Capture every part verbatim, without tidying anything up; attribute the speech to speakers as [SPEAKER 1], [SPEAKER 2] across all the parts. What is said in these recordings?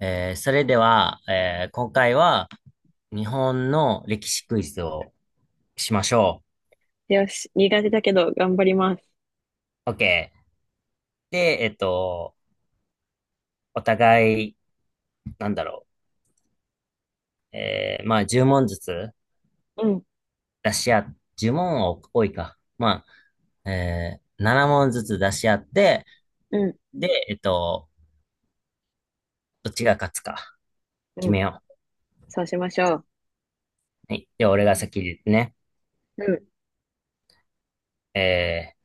[SPEAKER 1] えーそれでは、えー今回は日本の歴史クイズをしましょ
[SPEAKER 2] よし、苦手だけど頑張ります。
[SPEAKER 1] う。OK。で、えっと、お互い、なんだろう。えーまあ、じゅう問ずつ
[SPEAKER 2] うん、
[SPEAKER 1] 出し合っ、じゅう問は多いか。まあ、えーなな問ずつ出し合って、
[SPEAKER 2] うん、
[SPEAKER 1] で、えっと、どっちが勝つか
[SPEAKER 2] う
[SPEAKER 1] 決
[SPEAKER 2] ん。
[SPEAKER 1] めよ
[SPEAKER 2] そうしましょ
[SPEAKER 1] う。はい。では、俺が先で言ってね。
[SPEAKER 2] う。
[SPEAKER 1] えー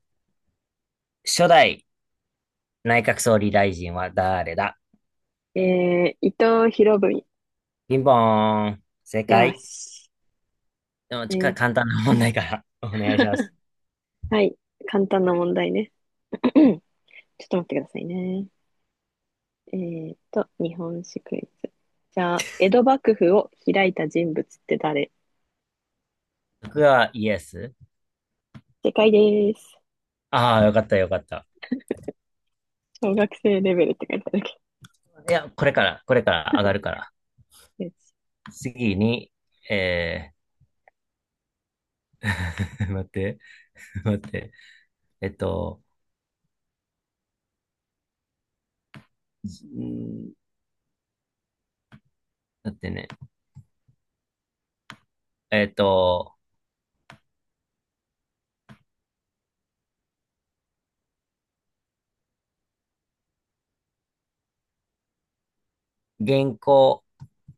[SPEAKER 1] 初代内閣総理大臣は誰だ？
[SPEAKER 2] うん。えー、伊藤博文。
[SPEAKER 1] ピンポーン。正
[SPEAKER 2] よ
[SPEAKER 1] 解。
[SPEAKER 2] し。
[SPEAKER 1] でも、
[SPEAKER 2] え
[SPEAKER 1] ちか、
[SPEAKER 2] ー、
[SPEAKER 1] 簡単な問題から お願いします。
[SPEAKER 2] はい。簡単な問題ね。ちょっと待ってくださいね。えーと、日本史クイズ。じゃあ、江戸幕府を開いた人物って誰？
[SPEAKER 1] 僕はイエス。
[SPEAKER 2] 正解です。
[SPEAKER 1] ああ、よかった、よかった。
[SPEAKER 2] 小学生レベルって書いてあるけ
[SPEAKER 1] いや、これから、これから上がるから。
[SPEAKER 2] ど。よし。
[SPEAKER 1] 次に、えー、待って、待って。えっと、んー待ってね。えっと、原稿、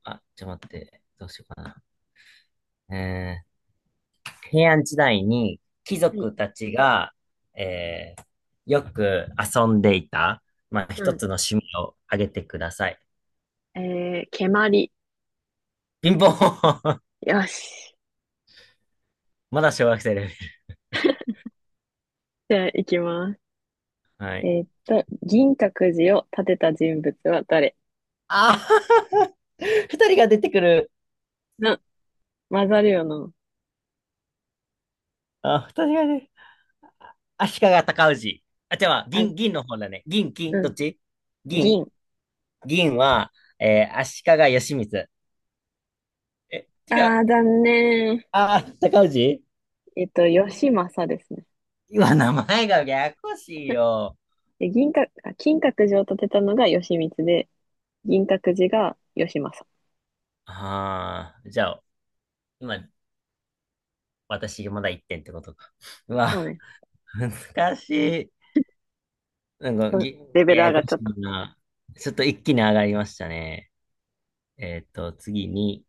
[SPEAKER 1] あ、ちょっと待って、どうしようかな。えー、平安時代に貴
[SPEAKER 2] はい。
[SPEAKER 1] 族たちが、えー、よく遊んでいた、まあ、
[SPEAKER 2] う
[SPEAKER 1] 一つ
[SPEAKER 2] ん。
[SPEAKER 1] の趣味を挙げてください。
[SPEAKER 2] えー、蹴鞠。
[SPEAKER 1] ピンポン
[SPEAKER 2] よし。
[SPEAKER 1] まだ小学生です。
[SPEAKER 2] じゃあ、いきます。
[SPEAKER 1] は
[SPEAKER 2] え
[SPEAKER 1] い。
[SPEAKER 2] ーっと、銀閣寺を建てた人物は誰？
[SPEAKER 1] ああ 二人が出てくる。
[SPEAKER 2] 混ざるよな。
[SPEAKER 1] あ、二人がね。足利尊氏。あ、じゃあ、
[SPEAKER 2] あ、
[SPEAKER 1] 銀、銀の方だね。銀、金、
[SPEAKER 2] う
[SPEAKER 1] どっ
[SPEAKER 2] ん。
[SPEAKER 1] ち？銀、
[SPEAKER 2] 銀。
[SPEAKER 1] 銀は、えー、足利義満。え、違
[SPEAKER 2] あ
[SPEAKER 1] う。
[SPEAKER 2] あ、残念。
[SPEAKER 1] あー、高氏。
[SPEAKER 2] えっと、義政ですね。
[SPEAKER 1] 今、名前がややこしいよ。
[SPEAKER 2] で、銀閣、あ金閣寺を建てたのが義満で、銀閣寺が義政。
[SPEAKER 1] ああ、じゃあ、今、私、まだいってんってことか。うわ、
[SPEAKER 2] そうね。
[SPEAKER 1] 難しい。なんか、
[SPEAKER 2] うん。
[SPEAKER 1] ぎ、
[SPEAKER 2] レベル
[SPEAKER 1] や
[SPEAKER 2] 上
[SPEAKER 1] や
[SPEAKER 2] が
[SPEAKER 1] こ
[SPEAKER 2] っちゃ
[SPEAKER 1] し
[SPEAKER 2] った。
[SPEAKER 1] いな。ちょっと一気に上がりましたね。えっと、次に、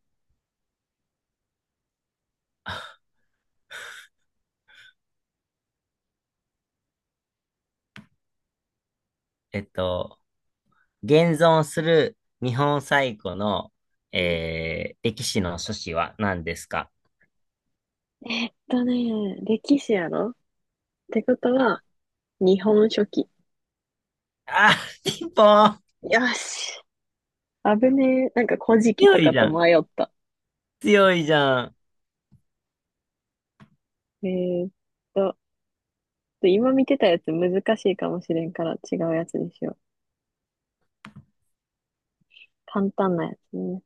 [SPEAKER 1] えっと、現存する日本最古の、
[SPEAKER 2] うん。
[SPEAKER 1] えー、歴史の書士は何ですか？
[SPEAKER 2] だね、歴史やろってことは、日本書紀。
[SPEAKER 1] あー、ピンポーン。
[SPEAKER 2] よし。危ねえ。なんか古事記
[SPEAKER 1] 強
[SPEAKER 2] と
[SPEAKER 1] い
[SPEAKER 2] か
[SPEAKER 1] じゃ
[SPEAKER 2] と
[SPEAKER 1] ん。
[SPEAKER 2] 迷った。
[SPEAKER 1] 強いじゃん。
[SPEAKER 2] えーっと、今見てたやつ難しいかもしれんから違うやつにしよう。簡単なやつね。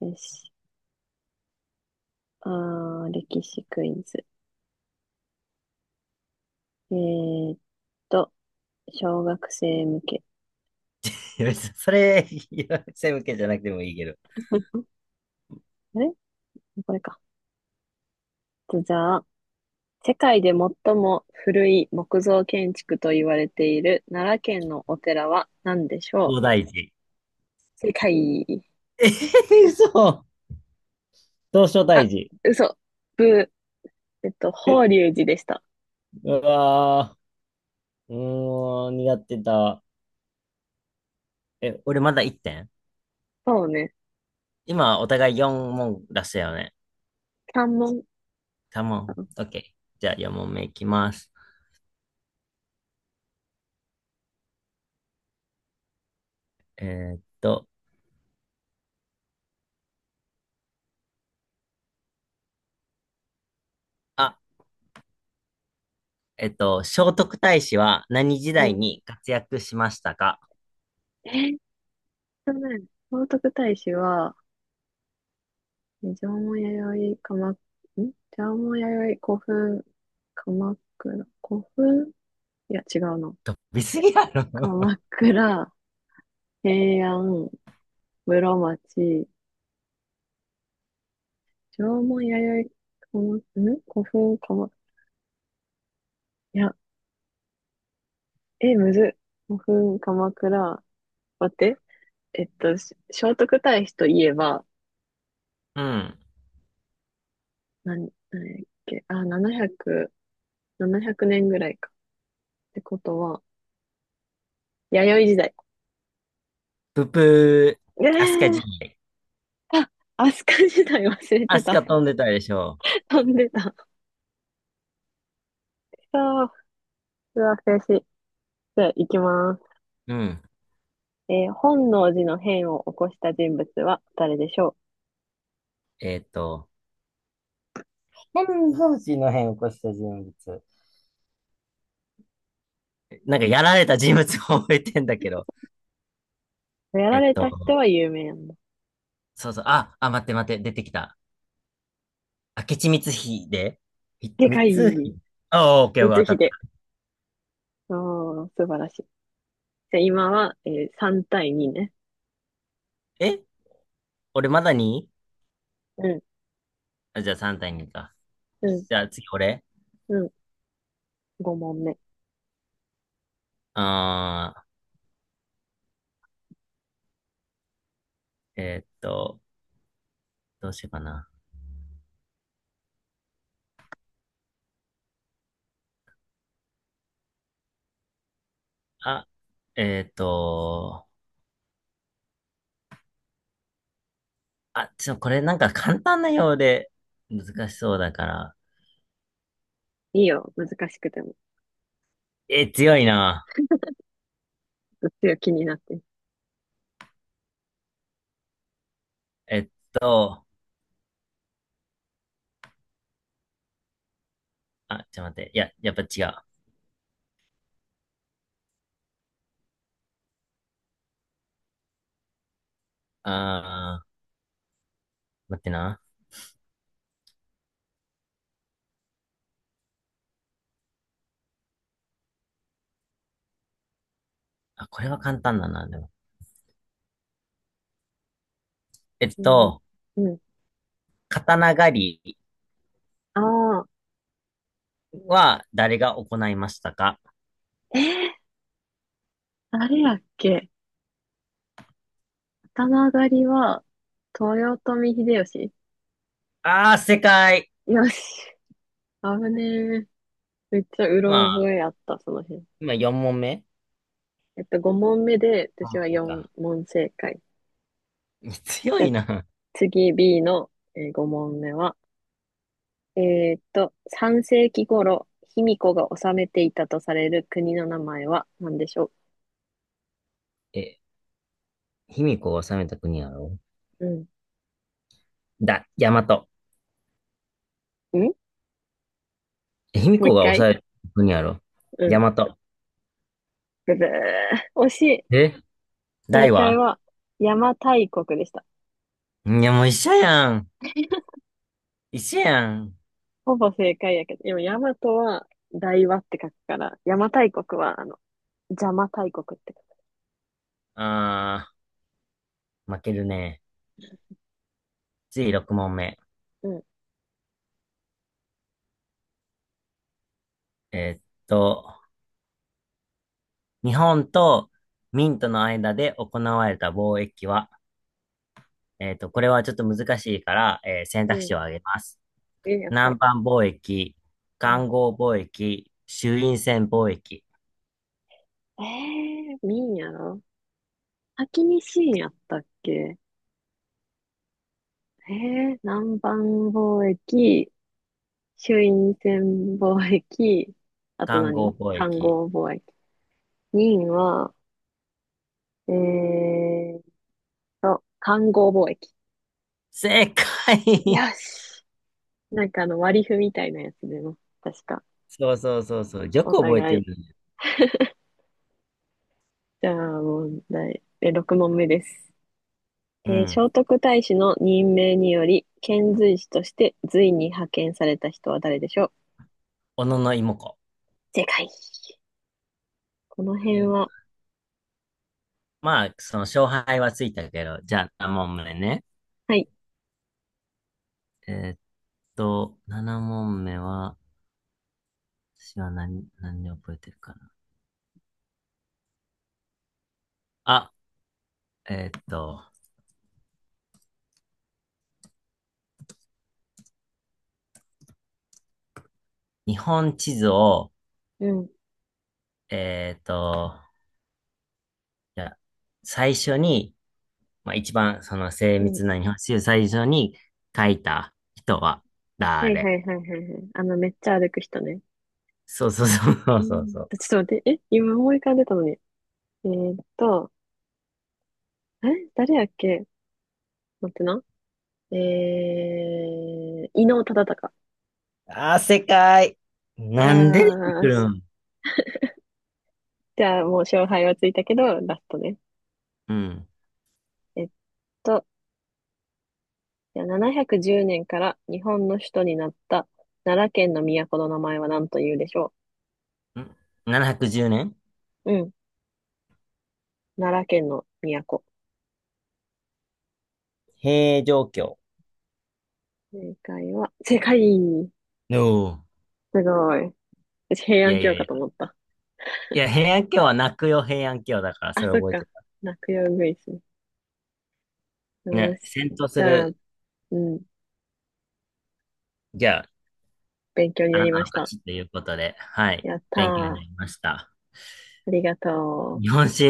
[SPEAKER 2] よし。あー、歴史クイズ。えーっと、小学生向け。
[SPEAKER 1] いや別にそれ、いや背向けじゃなくてもいいけど。
[SPEAKER 2] あれこれか。じゃあ、世界で最も古い木造建築と言われている奈良県のお寺は何でしょ
[SPEAKER 1] 東
[SPEAKER 2] う？
[SPEAKER 1] 大寺。
[SPEAKER 2] 世界。
[SPEAKER 1] えー、嘘。東照
[SPEAKER 2] あ、
[SPEAKER 1] 大寺。
[SPEAKER 2] 嘘。ブー。えっと、法
[SPEAKER 1] え、
[SPEAKER 2] 隆寺でした。
[SPEAKER 1] うわー、うーん、苦手だ。え、俺まだいってん。
[SPEAKER 2] そうね。
[SPEAKER 1] 今、お互いよん問出したよね。
[SPEAKER 2] 三門。
[SPEAKER 1] カモン。
[SPEAKER 2] あ、
[SPEAKER 1] オッケー。じゃあよん問目いきます。えーっと、あえっと、聖徳太子は何時
[SPEAKER 2] う
[SPEAKER 1] 代
[SPEAKER 2] ん。
[SPEAKER 1] に活躍しましたか？
[SPEAKER 2] えーっとね、聖徳太子は、え縄文弥生、鎌、ん縄文弥生、古墳、鎌倉、古墳、いや、違うの、
[SPEAKER 1] 飛びすぎやろ。
[SPEAKER 2] 鎌倉、平安、室町、縄文弥生、鎌、ん古墳、鎌、いや、え、むずっ。古墳、鎌倉、待って。えっと、し聖徳太子といえば、
[SPEAKER 1] うん。
[SPEAKER 2] なん、なんやっけ、あ、ななひゃく、ななねんぐらいか。ってことは、弥生時代。
[SPEAKER 1] ププ
[SPEAKER 2] え
[SPEAKER 1] ー、アスカ時
[SPEAKER 2] ー、
[SPEAKER 1] 代。
[SPEAKER 2] あ、飛鳥時代忘れ
[SPEAKER 1] ア
[SPEAKER 2] て
[SPEAKER 1] スカ
[SPEAKER 2] た。
[SPEAKER 1] 飛んでたでしょ
[SPEAKER 2] 飛んでた。そう、うわ、悔しい。じゃあ、行きます。
[SPEAKER 1] う。うん。
[SPEAKER 2] えー本能寺の変を起こした人物は誰でしょ
[SPEAKER 1] えっと、天草寺の変を起こした人物。なんかやられた人物を覚えてんだけど。
[SPEAKER 2] う？や
[SPEAKER 1] え
[SPEAKER 2] ら
[SPEAKER 1] っ
[SPEAKER 2] れた
[SPEAKER 1] と、
[SPEAKER 2] 人は有名なんだ。
[SPEAKER 1] そうそう。あ、あ、待って待って、出てきた。明智光秀、ひ
[SPEAKER 2] で
[SPEAKER 1] 光
[SPEAKER 2] かい。
[SPEAKER 1] 秀。あ、オッケー、オッケー、当
[SPEAKER 2] 光
[SPEAKER 1] たっ
[SPEAKER 2] 秀。
[SPEAKER 1] た。
[SPEAKER 2] おー、素晴らしい。じゃあ、今は、えーさん対にね。
[SPEAKER 1] え、俺まだに、
[SPEAKER 2] うん、
[SPEAKER 1] あ、じゃあさん対にか。
[SPEAKER 2] うん、
[SPEAKER 1] じゃあ次俺。
[SPEAKER 2] うん。ご問目。
[SPEAKER 1] あー、えっと、どうしようかな。あ、えっと、あ、ちょ、これなんか簡単なようで難しそうだから。
[SPEAKER 2] いいよ、難しくても。
[SPEAKER 1] え、強いな。
[SPEAKER 2] うっすら気になってる。
[SPEAKER 1] えっと、あ、ちょ、待って。いや、やっぱ違う。あー、待ってな。あ、これは簡単だな、でも。えっ
[SPEAKER 2] うん、
[SPEAKER 1] と、
[SPEAKER 2] うん。
[SPEAKER 1] 刀狩り
[SPEAKER 2] ああ、
[SPEAKER 1] は誰が行いましたか？
[SPEAKER 2] えー、あれやっけ？頭上がりは、豊臣秀吉。
[SPEAKER 1] あー、正解。
[SPEAKER 2] よし。危ねえ。めっちゃう
[SPEAKER 1] ま
[SPEAKER 2] ろ覚
[SPEAKER 1] あ、
[SPEAKER 2] えあった、その辺。
[SPEAKER 1] 今よん問目。
[SPEAKER 2] えっと、ご問目で、私
[SPEAKER 1] あ、
[SPEAKER 2] は
[SPEAKER 1] そう
[SPEAKER 2] よん
[SPEAKER 1] か。
[SPEAKER 2] 問正解。
[SPEAKER 1] 強
[SPEAKER 2] じゃあ、
[SPEAKER 1] いな。
[SPEAKER 2] 次 B の、えご問目は、えーっと、さん世紀頃、卑弥呼が治めていたとされる国の名前は何でしょ
[SPEAKER 1] え、卑弥呼を治めた国やろ？
[SPEAKER 2] う？うん。ん
[SPEAKER 1] だ、大和。卑弥
[SPEAKER 2] もう
[SPEAKER 1] 呼
[SPEAKER 2] 一
[SPEAKER 1] が
[SPEAKER 2] 回。
[SPEAKER 1] 抑える国やろ。
[SPEAKER 2] う
[SPEAKER 1] 大
[SPEAKER 2] ん。
[SPEAKER 1] 和。
[SPEAKER 2] ブブー。惜しい。
[SPEAKER 1] え、
[SPEAKER 2] 正
[SPEAKER 1] 大
[SPEAKER 2] 解
[SPEAKER 1] は、
[SPEAKER 2] は、邪馬台国でした。
[SPEAKER 1] いや、もう一緒やん。一緒やん。
[SPEAKER 2] ほぼ正解やけど、でも大和は大和って書くから、邪馬台国は、あの、邪馬台国って書く。
[SPEAKER 1] あー、負けるね。次ろく問目。
[SPEAKER 2] う
[SPEAKER 1] えーっと、日本と明との間で行われた貿易は、えーっと、これはちょっと難しいから、えー選
[SPEAKER 2] ん、
[SPEAKER 1] 択
[SPEAKER 2] うん。
[SPEAKER 1] 肢を挙げます。
[SPEAKER 2] え、やっ
[SPEAKER 1] 南
[SPEAKER 2] た。
[SPEAKER 1] 蛮貿易、
[SPEAKER 2] う
[SPEAKER 1] 環
[SPEAKER 2] ん。
[SPEAKER 1] 合貿易、朱印船貿易、
[SPEAKER 2] えー、みんやろ？先に新やったっけ？えー、南蛮貿易、朱印船貿易、あと
[SPEAKER 1] 環合
[SPEAKER 2] 何
[SPEAKER 1] 貿
[SPEAKER 2] 漢
[SPEAKER 1] 易。
[SPEAKER 2] 合貿易。任は、えーと、漢合貿易。
[SPEAKER 1] 正
[SPEAKER 2] よ
[SPEAKER 1] 解
[SPEAKER 2] し。なんかあの割り符みたいなやつでも、確か。
[SPEAKER 1] そうそうそうそう。よ
[SPEAKER 2] お
[SPEAKER 1] く覚え
[SPEAKER 2] 互
[SPEAKER 1] てる
[SPEAKER 2] い。
[SPEAKER 1] ね。
[SPEAKER 2] じゃあ問題。え、ろく問目です。
[SPEAKER 1] う
[SPEAKER 2] えー
[SPEAKER 1] ん。
[SPEAKER 2] 聖徳太子の任命により、遣隋使として隋に派遣された人は誰でしょう？
[SPEAKER 1] 小野の妹子。
[SPEAKER 2] 正解。この
[SPEAKER 1] え
[SPEAKER 2] 辺
[SPEAKER 1] ー
[SPEAKER 2] は、
[SPEAKER 1] まあ、その勝敗はついたけど、じゃあなな問目ね。
[SPEAKER 2] はい。
[SPEAKER 1] えーっと、なна問目は、私は何、何で覚えてるかな。あ、えーっと、日本地図を、
[SPEAKER 2] うん
[SPEAKER 1] えーっと、じゃあ最初に、まあ一番その精
[SPEAKER 2] うん。
[SPEAKER 1] 密な日本地図最初に書いた人は
[SPEAKER 2] はいは
[SPEAKER 1] 誰？
[SPEAKER 2] いはいはいはい。あの、めっちゃ歩く人ね。
[SPEAKER 1] そうそうそうそ
[SPEAKER 2] う
[SPEAKER 1] うそう
[SPEAKER 2] ん。
[SPEAKER 1] そう。
[SPEAKER 2] ちょっと待って、え、今思い浮かんでたのに。えーっと、え、誰やっけ？待ってな。えー、伊能忠敬。
[SPEAKER 1] あー、正解。
[SPEAKER 2] いや
[SPEAKER 1] なんで出てく
[SPEAKER 2] ーし、
[SPEAKER 1] るん？
[SPEAKER 2] じゃあもう勝敗はついたけど、ラストね。
[SPEAKER 1] うん。
[SPEAKER 2] えっと、じゃあななひゃくじゅうねんから日本の首都になった奈良県の都の名前は何というでしょ
[SPEAKER 1] ん？ ななひゃくじゅう 年？
[SPEAKER 2] う？うん。奈良県の都。
[SPEAKER 1] 平城京。
[SPEAKER 2] 正解は、正解。
[SPEAKER 1] おお。
[SPEAKER 2] すごい。私平
[SPEAKER 1] い
[SPEAKER 2] 安
[SPEAKER 1] やい
[SPEAKER 2] 京
[SPEAKER 1] やい
[SPEAKER 2] か
[SPEAKER 1] や。
[SPEAKER 2] と思った。
[SPEAKER 1] いや、平安京は泣くよ、平安京だから、
[SPEAKER 2] あ、
[SPEAKER 1] それ
[SPEAKER 2] そっ
[SPEAKER 1] 覚えて
[SPEAKER 2] か。
[SPEAKER 1] た。
[SPEAKER 2] 落葉ウグイスね。よ
[SPEAKER 1] ね、
[SPEAKER 2] し。
[SPEAKER 1] 戦闘す
[SPEAKER 2] じゃあ、
[SPEAKER 1] る、
[SPEAKER 2] うん、
[SPEAKER 1] じゃあ、
[SPEAKER 2] 勉強に
[SPEAKER 1] あ
[SPEAKER 2] な
[SPEAKER 1] な
[SPEAKER 2] り
[SPEAKER 1] た
[SPEAKER 2] ま
[SPEAKER 1] の
[SPEAKER 2] し
[SPEAKER 1] 勝
[SPEAKER 2] た。
[SPEAKER 1] ちということで、はい、
[SPEAKER 2] やった
[SPEAKER 1] 勉強になり
[SPEAKER 2] ー。
[SPEAKER 1] ました。
[SPEAKER 2] ありがと
[SPEAKER 1] 日
[SPEAKER 2] う。
[SPEAKER 1] 本史、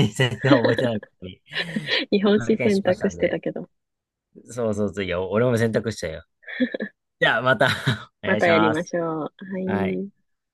[SPEAKER 1] 全然覚えてないことに
[SPEAKER 2] 日 本
[SPEAKER 1] 発
[SPEAKER 2] 史
[SPEAKER 1] 見
[SPEAKER 2] 選
[SPEAKER 1] しまし
[SPEAKER 2] 択
[SPEAKER 1] た
[SPEAKER 2] し
[SPEAKER 1] ん
[SPEAKER 2] てた
[SPEAKER 1] で、
[SPEAKER 2] けど、
[SPEAKER 1] そうそうそう、いや、俺も選択しちゃうよ。じゃあ、また お
[SPEAKER 2] ま
[SPEAKER 1] 願い
[SPEAKER 2] た
[SPEAKER 1] し
[SPEAKER 2] やり
[SPEAKER 1] ま
[SPEAKER 2] ま
[SPEAKER 1] す。
[SPEAKER 2] しょう。は
[SPEAKER 1] はい。
[SPEAKER 2] い。